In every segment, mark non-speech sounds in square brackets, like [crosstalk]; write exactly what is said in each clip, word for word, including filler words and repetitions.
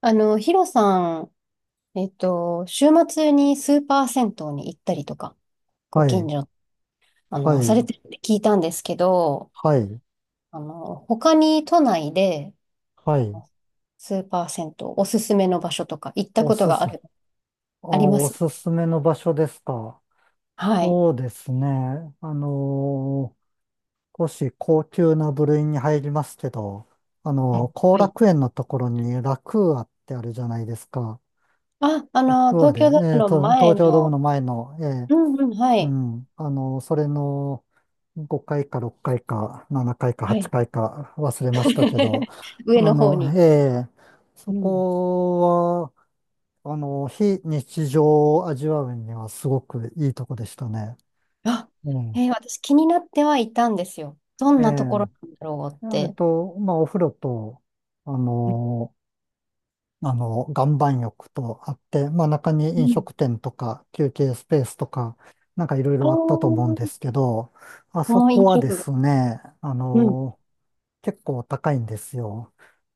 あの、ヒロさん、えっと、週末にスーパー銭湯に行ったりとか、ごは近い、所、あはの、されい、てるって聞いたんですけど、はい、あの、他に都内で、はあい。のスーパー銭湯、おすすめの場所とか行ったおことすがあす、あ、る、ありまおす。すすめの場所ですか？はい。そうですね。あのー少し高級な部類に入りますけど、あはのー後い。楽園のところにラクーアってあるじゃないですか。あ、あラクの、ーア東で、京ドーえムーのと、前東京ドームの、の前の、えーうんうん、はうい。ん、あのーそれのごかいかろっかいかななかいかははっかいい。かいか忘れましたけど、[laughs] 上あの方の、に。えーそうん。こあの、非日常を味わうにはすごくいいとこでしたね。あ、うん。えー私気になってはいたんですよ。どんええ。なところなんだろうっえって。と、まあ、お風呂と、あの、あの、岩盤浴とあって、まあ、中にう飲ん。食店とか休憩スペースとか、なんかいろいああ、ろあったと思うんもですけど、あそうこ飲はで食が。すね、あうん。の、結構高いんですよ。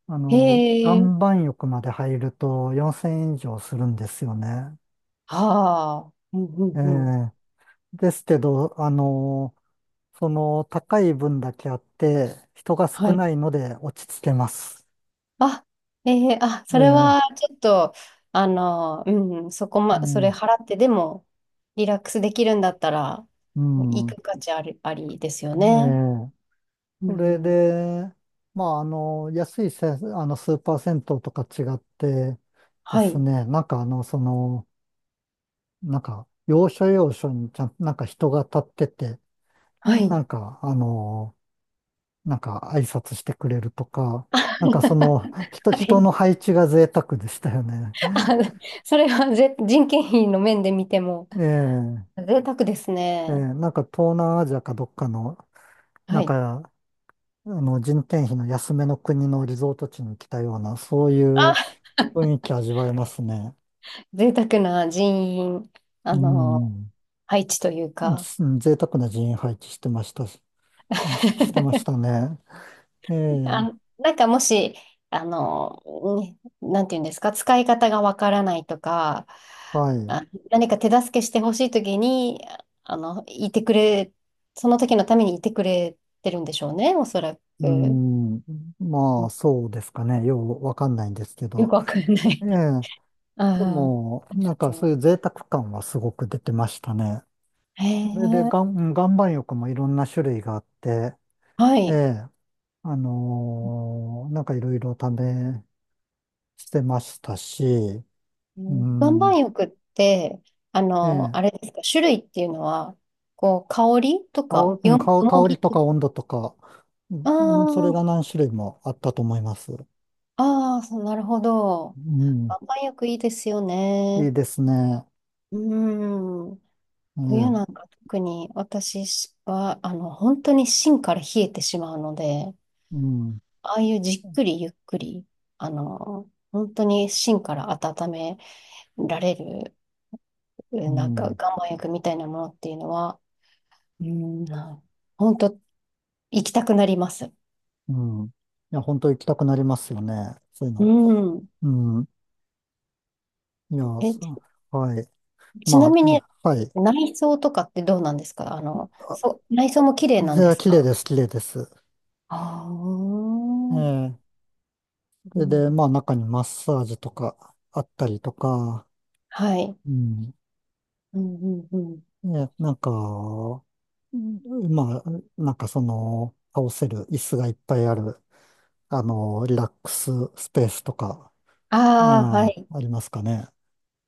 あへの、岩え。盤浴まで入るとよんせんえん以上するんですよね。はあ。うんうえんうん。え。ですけど、あの、その高い分だけあって、人がは少い。ないので落ち着けます。あ、ええ、あ、えそれえ、はちょっと、あの、うん、そこうま、それん、払ってでも、リラックスできるんだったら、う行ん、く価値あり、ありですよえね。え。うそれん。で、まあ、あの、安いせ、あの、スーパー銭湯とか違ってではすい。ね、なんかあの、その、なんか、要所要所にちゃん、なんか人が立ってて、はない。んか、あの、なんか挨拶してくれるとか、なんかその、[laughs] 人、は人い。の配置が贅沢でしたよね。あ、それはぜ、人件費の面で見ても、ええ。贅沢ですえね。ーなんか東南アジアかどっかの、なはんい。か、あの人件費の安めの国のリゾート地に来たような、そういうあ、雰囲気味わえますね。贅沢な人員。うあの、ん。配置というじか、贅沢な人員配置してましたし、し [laughs] してましたね。ええ、あ、なんかもし、あの、ね、なんていうんですか、使い方がわからないとか、はい。あ、何か手助けしてほしいときに、あの、いてくれ、その時のためにいてくれてるんでしょうね、おそらうく。ん。うまあ、ん。そうですかね。ようわかんないんですけよくど。わかんなええ、い。[laughs] あであ、あも、りなんがかそうという贅沢感はすごく出てましたね。う。へそれで、え、岩岩盤浴もいろんな種類があって、はえい。え、あのーなんかいろいろ試してましたし、ううん、岩ん、盤浴って、あえの、え、あれですか、種類っていうのは、こう、香りとか、香、うん、よ、よ香も香ぎりととか、か温度とか、あうん、それあ、が何種類もあったと思います。ああ、そう、なるほど。うん、岩盤浴いいですよいね。いですね。うん。え冬なんえ、か特に私は、あの、本当に芯から冷えてしまうので、うん、ああいうじっくりゆっくり、あの、本当に芯から温められる、うなんかん、岩盤浴みたいなものっていうのは、うん、本当行きたくなります。うん。いや、本当行きたくなりますよね。そういううの。ん。うん、いや、え、ちそう、はい。ちなまみあ、にはい。内装とかってどうなんですか？あの、あ、そう、内装も綺麗なじんゃであ、す綺麗か？です、綺麗です。ああ、えうえ、それで、まあ、ん、中にマッサージとかあったりとか、はい。うん。うん、うん、うん。ね、なんか、うん、まあ、なんかその、倒せる椅子がいっぱいある、あの、リラックススペースとか、うああ、ん、はあい。りますかね。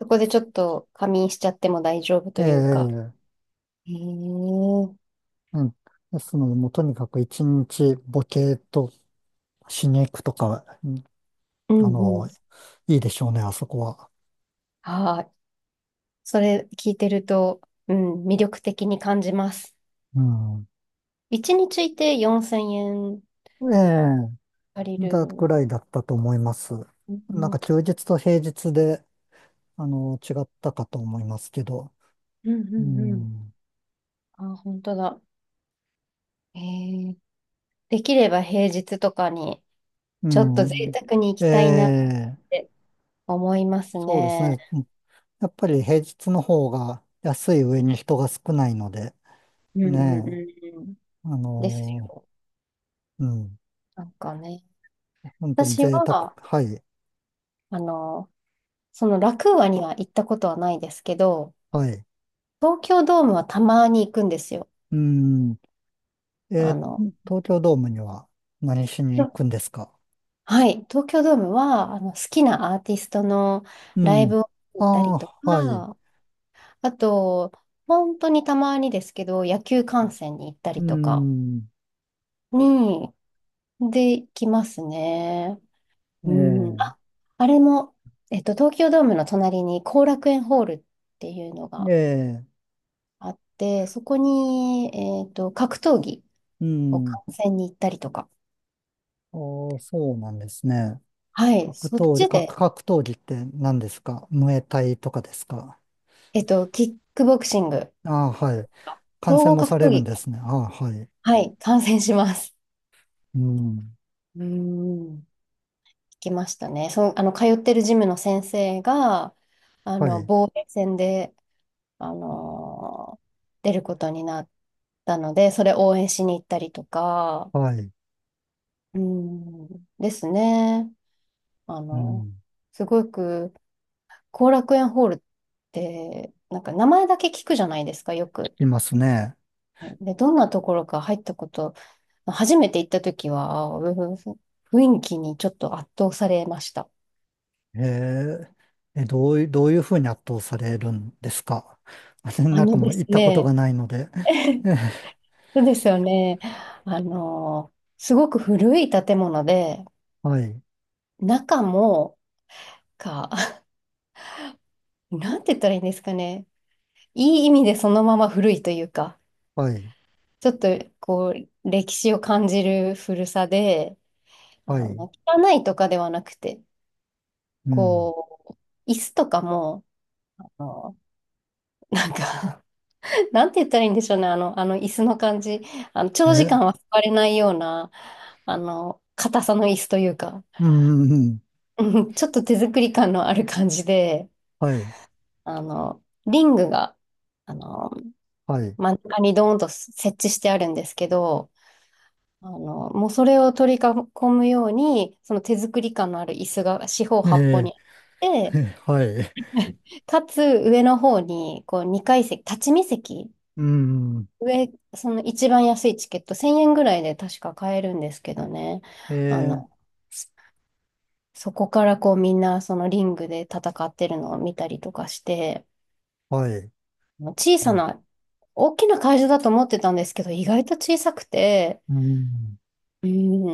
そこでちょっと仮眠しちゃっても大丈夫えというか。え、へえ。ううん。ですので、もうとにかく一日ボケーっとしに行くとか、うん、ん、あうの、ん。いいでしょうね、あそこは。はい。それ聞いてると、うん、魅力的に感じます。うん。一日いてよんせんえんええ、借りだる。ぐらいだったと思います。うん、なんうかん、休日と平日で、あの、違ったかと思いますけど、うんううん。ん。あ、本当だ。へえ。できれば平日とかに、うちょっと贅ん。沢に行きえたいなっえ、て思いますそうですね。ね。やっぱり平日の方が安い上に人が少ないので、うん、うん、うねんうん。え、あですのよ。ーうん、なんかね、本当に私贅沢。は、はい、あの、そのラクーアには行ったことはないですけど、はい。東京ドームはたまに行くんですよ。うん。えあーの、東京ドームには何しに行くんですか？はい、東京ドームは、あの、好きなアーティストのうライん。ブを行あったりとあ、はい。か、あと、本当にたまにですけど、野球観戦に行ったうりとかん。に、で、行きますね。えうん。え、あ、あれも、えっと、東京ドームの隣に後楽園ホールっていうのえが、え、あって、そこに、えっと、格闘技うをん。観戦に行ったりとか。ああ、そうなんですね。はい、格そっ闘技、ち格、で、格闘技って何ですか？ムエタイとかですか？えっと、キックボクシング、ああ、はい。感総染合も格さ闘れるん技、ですね。ああ、はい。はい、観戦します。うん。うーん。行きましたね。その、あの、通ってるジムの先生が、あはの、い。防衛戦で、あのー出ることになったので、それ応援しに行ったりとか、はい。うーん、ですね。あうの、ん。すごく、後楽園ホールって、なんか名前だけ聞くじゃないですか、よ聞く。きますね。はい。で、どんなところか入ったこと、初めて行った時は、あー雰囲気にちょっと圧倒されました。ええ、え、どういう、どういうふうに圧倒されるんですか？ [laughs] あなんかのもでうす行ったことね、がないので。[laughs] そうですよね。あの、すごく古い建物で、はい。中も、か、[laughs] なんて言ったらいいんですかね。いい意味でそのまま古いというか、はい。ちょっとこう、歴史を感じる古さで、はあい。の、汚いとかではなくて、うん。こう、椅子とかも、あの、なんか [laughs] なんて言ったらいいんでしょうね、あの、あの椅子の感じ。あの、長時間え、は座れないような、あの、硬さの椅子というか、うん。うん、うん、ちょっと手作り感のある感じで、はい。あの、リングが、あの、はい。真ん中にドーンと設置してあるんですけど、あの、もうそれを取り囲むように、その手作り感のある椅子が四方八方にあえって、え、[laughs] はい。かつ上の方に、こう、にかい席、立ち見席、うん。上、その一番安いチケット、せんえんぐらいで確か買えるんですけどね。えあえ、の、そこからこうみんなそのリングで戦ってるのを見たりとかして、はい。小うさん。な、大きな会場だと思ってたんですけど、意外と小さくて、うん、う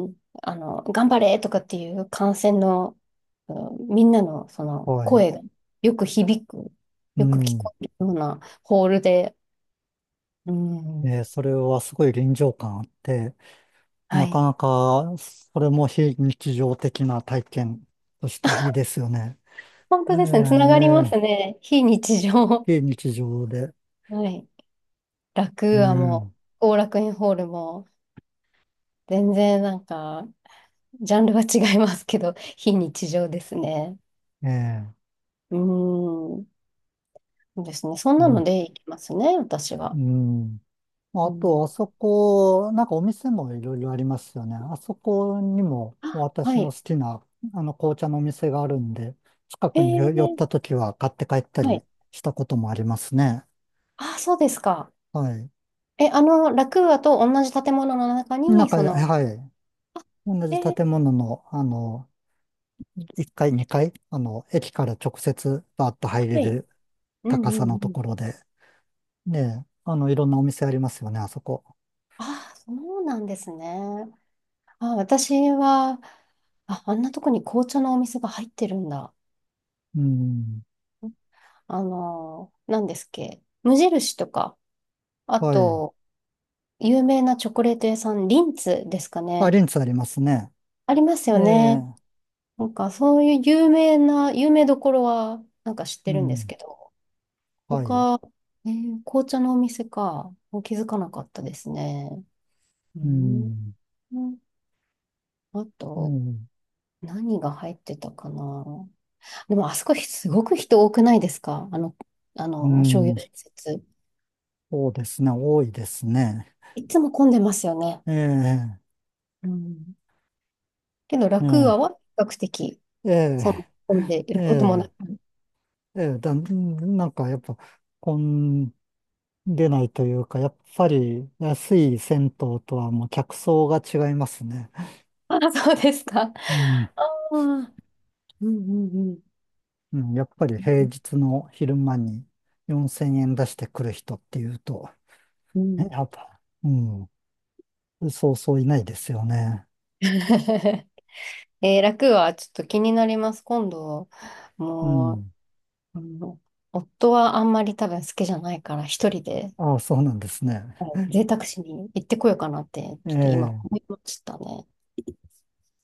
ん、あの、頑張れとかっていう観戦の、うん、みんなのそのはい。声がよく響く、うよく聞ん。こえるようなホールで、うん、えー、それはすごい臨場感あって、はなかい。なか、それも非日常的な体験としていいですよね。本え当え、ですね。つながりますええ、ね。非日常。非日常で。はい。楽う屋もん。う、後楽園ホールも、全然なんか、ジャンルは違いますけど、[laughs] 非日常ですね。ええ、うーん。そうですね。そんなうのん。で行きますね、私うは。ん、うあん。と、あそこ、なんかお店もいろいろありますよね。あそこにもあ、私はのい。好きな、あの、紅茶のお店があるんで、近えくに寄寄っー、た時は買って帰ったはりい。したこともありますね。あ、そうですか。はい。え、あの、楽屋と同じ建物の中なんに、か、その、はい。同えじ建ー、物の、あの、いっかい、にかい、あの、駅から直接バーッとは入れい。るうんう高さんうのとん。ころで、ねえ、あの、いろんなお店ありますよね、あそこ。あ、そうなんですね。あ、私は、あ、あんなとこに紅茶のお店が入ってるんだ。うん、あのー、何ですっけ、無印とか、あはい。と、有名なチョコレート屋さん、リンツですかあ、ね。リンツありますね。ありますえよえ、ね。なんか、そういう有名な、有名どころは、なんか知っうてるんですん、けど、はい。他、えー紅茶のお店か、気づかなかったですね。ううん。ん、あうと、ん、何が入ってたかな。でも、あそこ、すごく人多くないですか？あの、あうの、商業ん、施設。そうですね、多いですね。いつも混んでますよね。ええ、うん、けど、え楽アえ、は比較的、えその、え、混んでいえることもなえ、く。ええだ、なんかやっぱ、混んでないというか、やっぱり安い銭湯とはもう客層が違いますね。ああ、そうですか。うん、[laughs] ああ、うんうんうん、やっぱり平日の昼間によんせんえん出してくる人っていうと、うん。うね、ん。 やっぱ、うん、そうそういないですよね。[laughs]。えー、楽はちょっと気になります。今度、うもう、ん。あの夫はあんまり多分好きじゃないから、一人で、ああ、そうなんですね。はい、贅沢しに行ってこようかなって、えちょっと今え、思いましたね。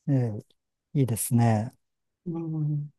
ええ、いいですね。うん。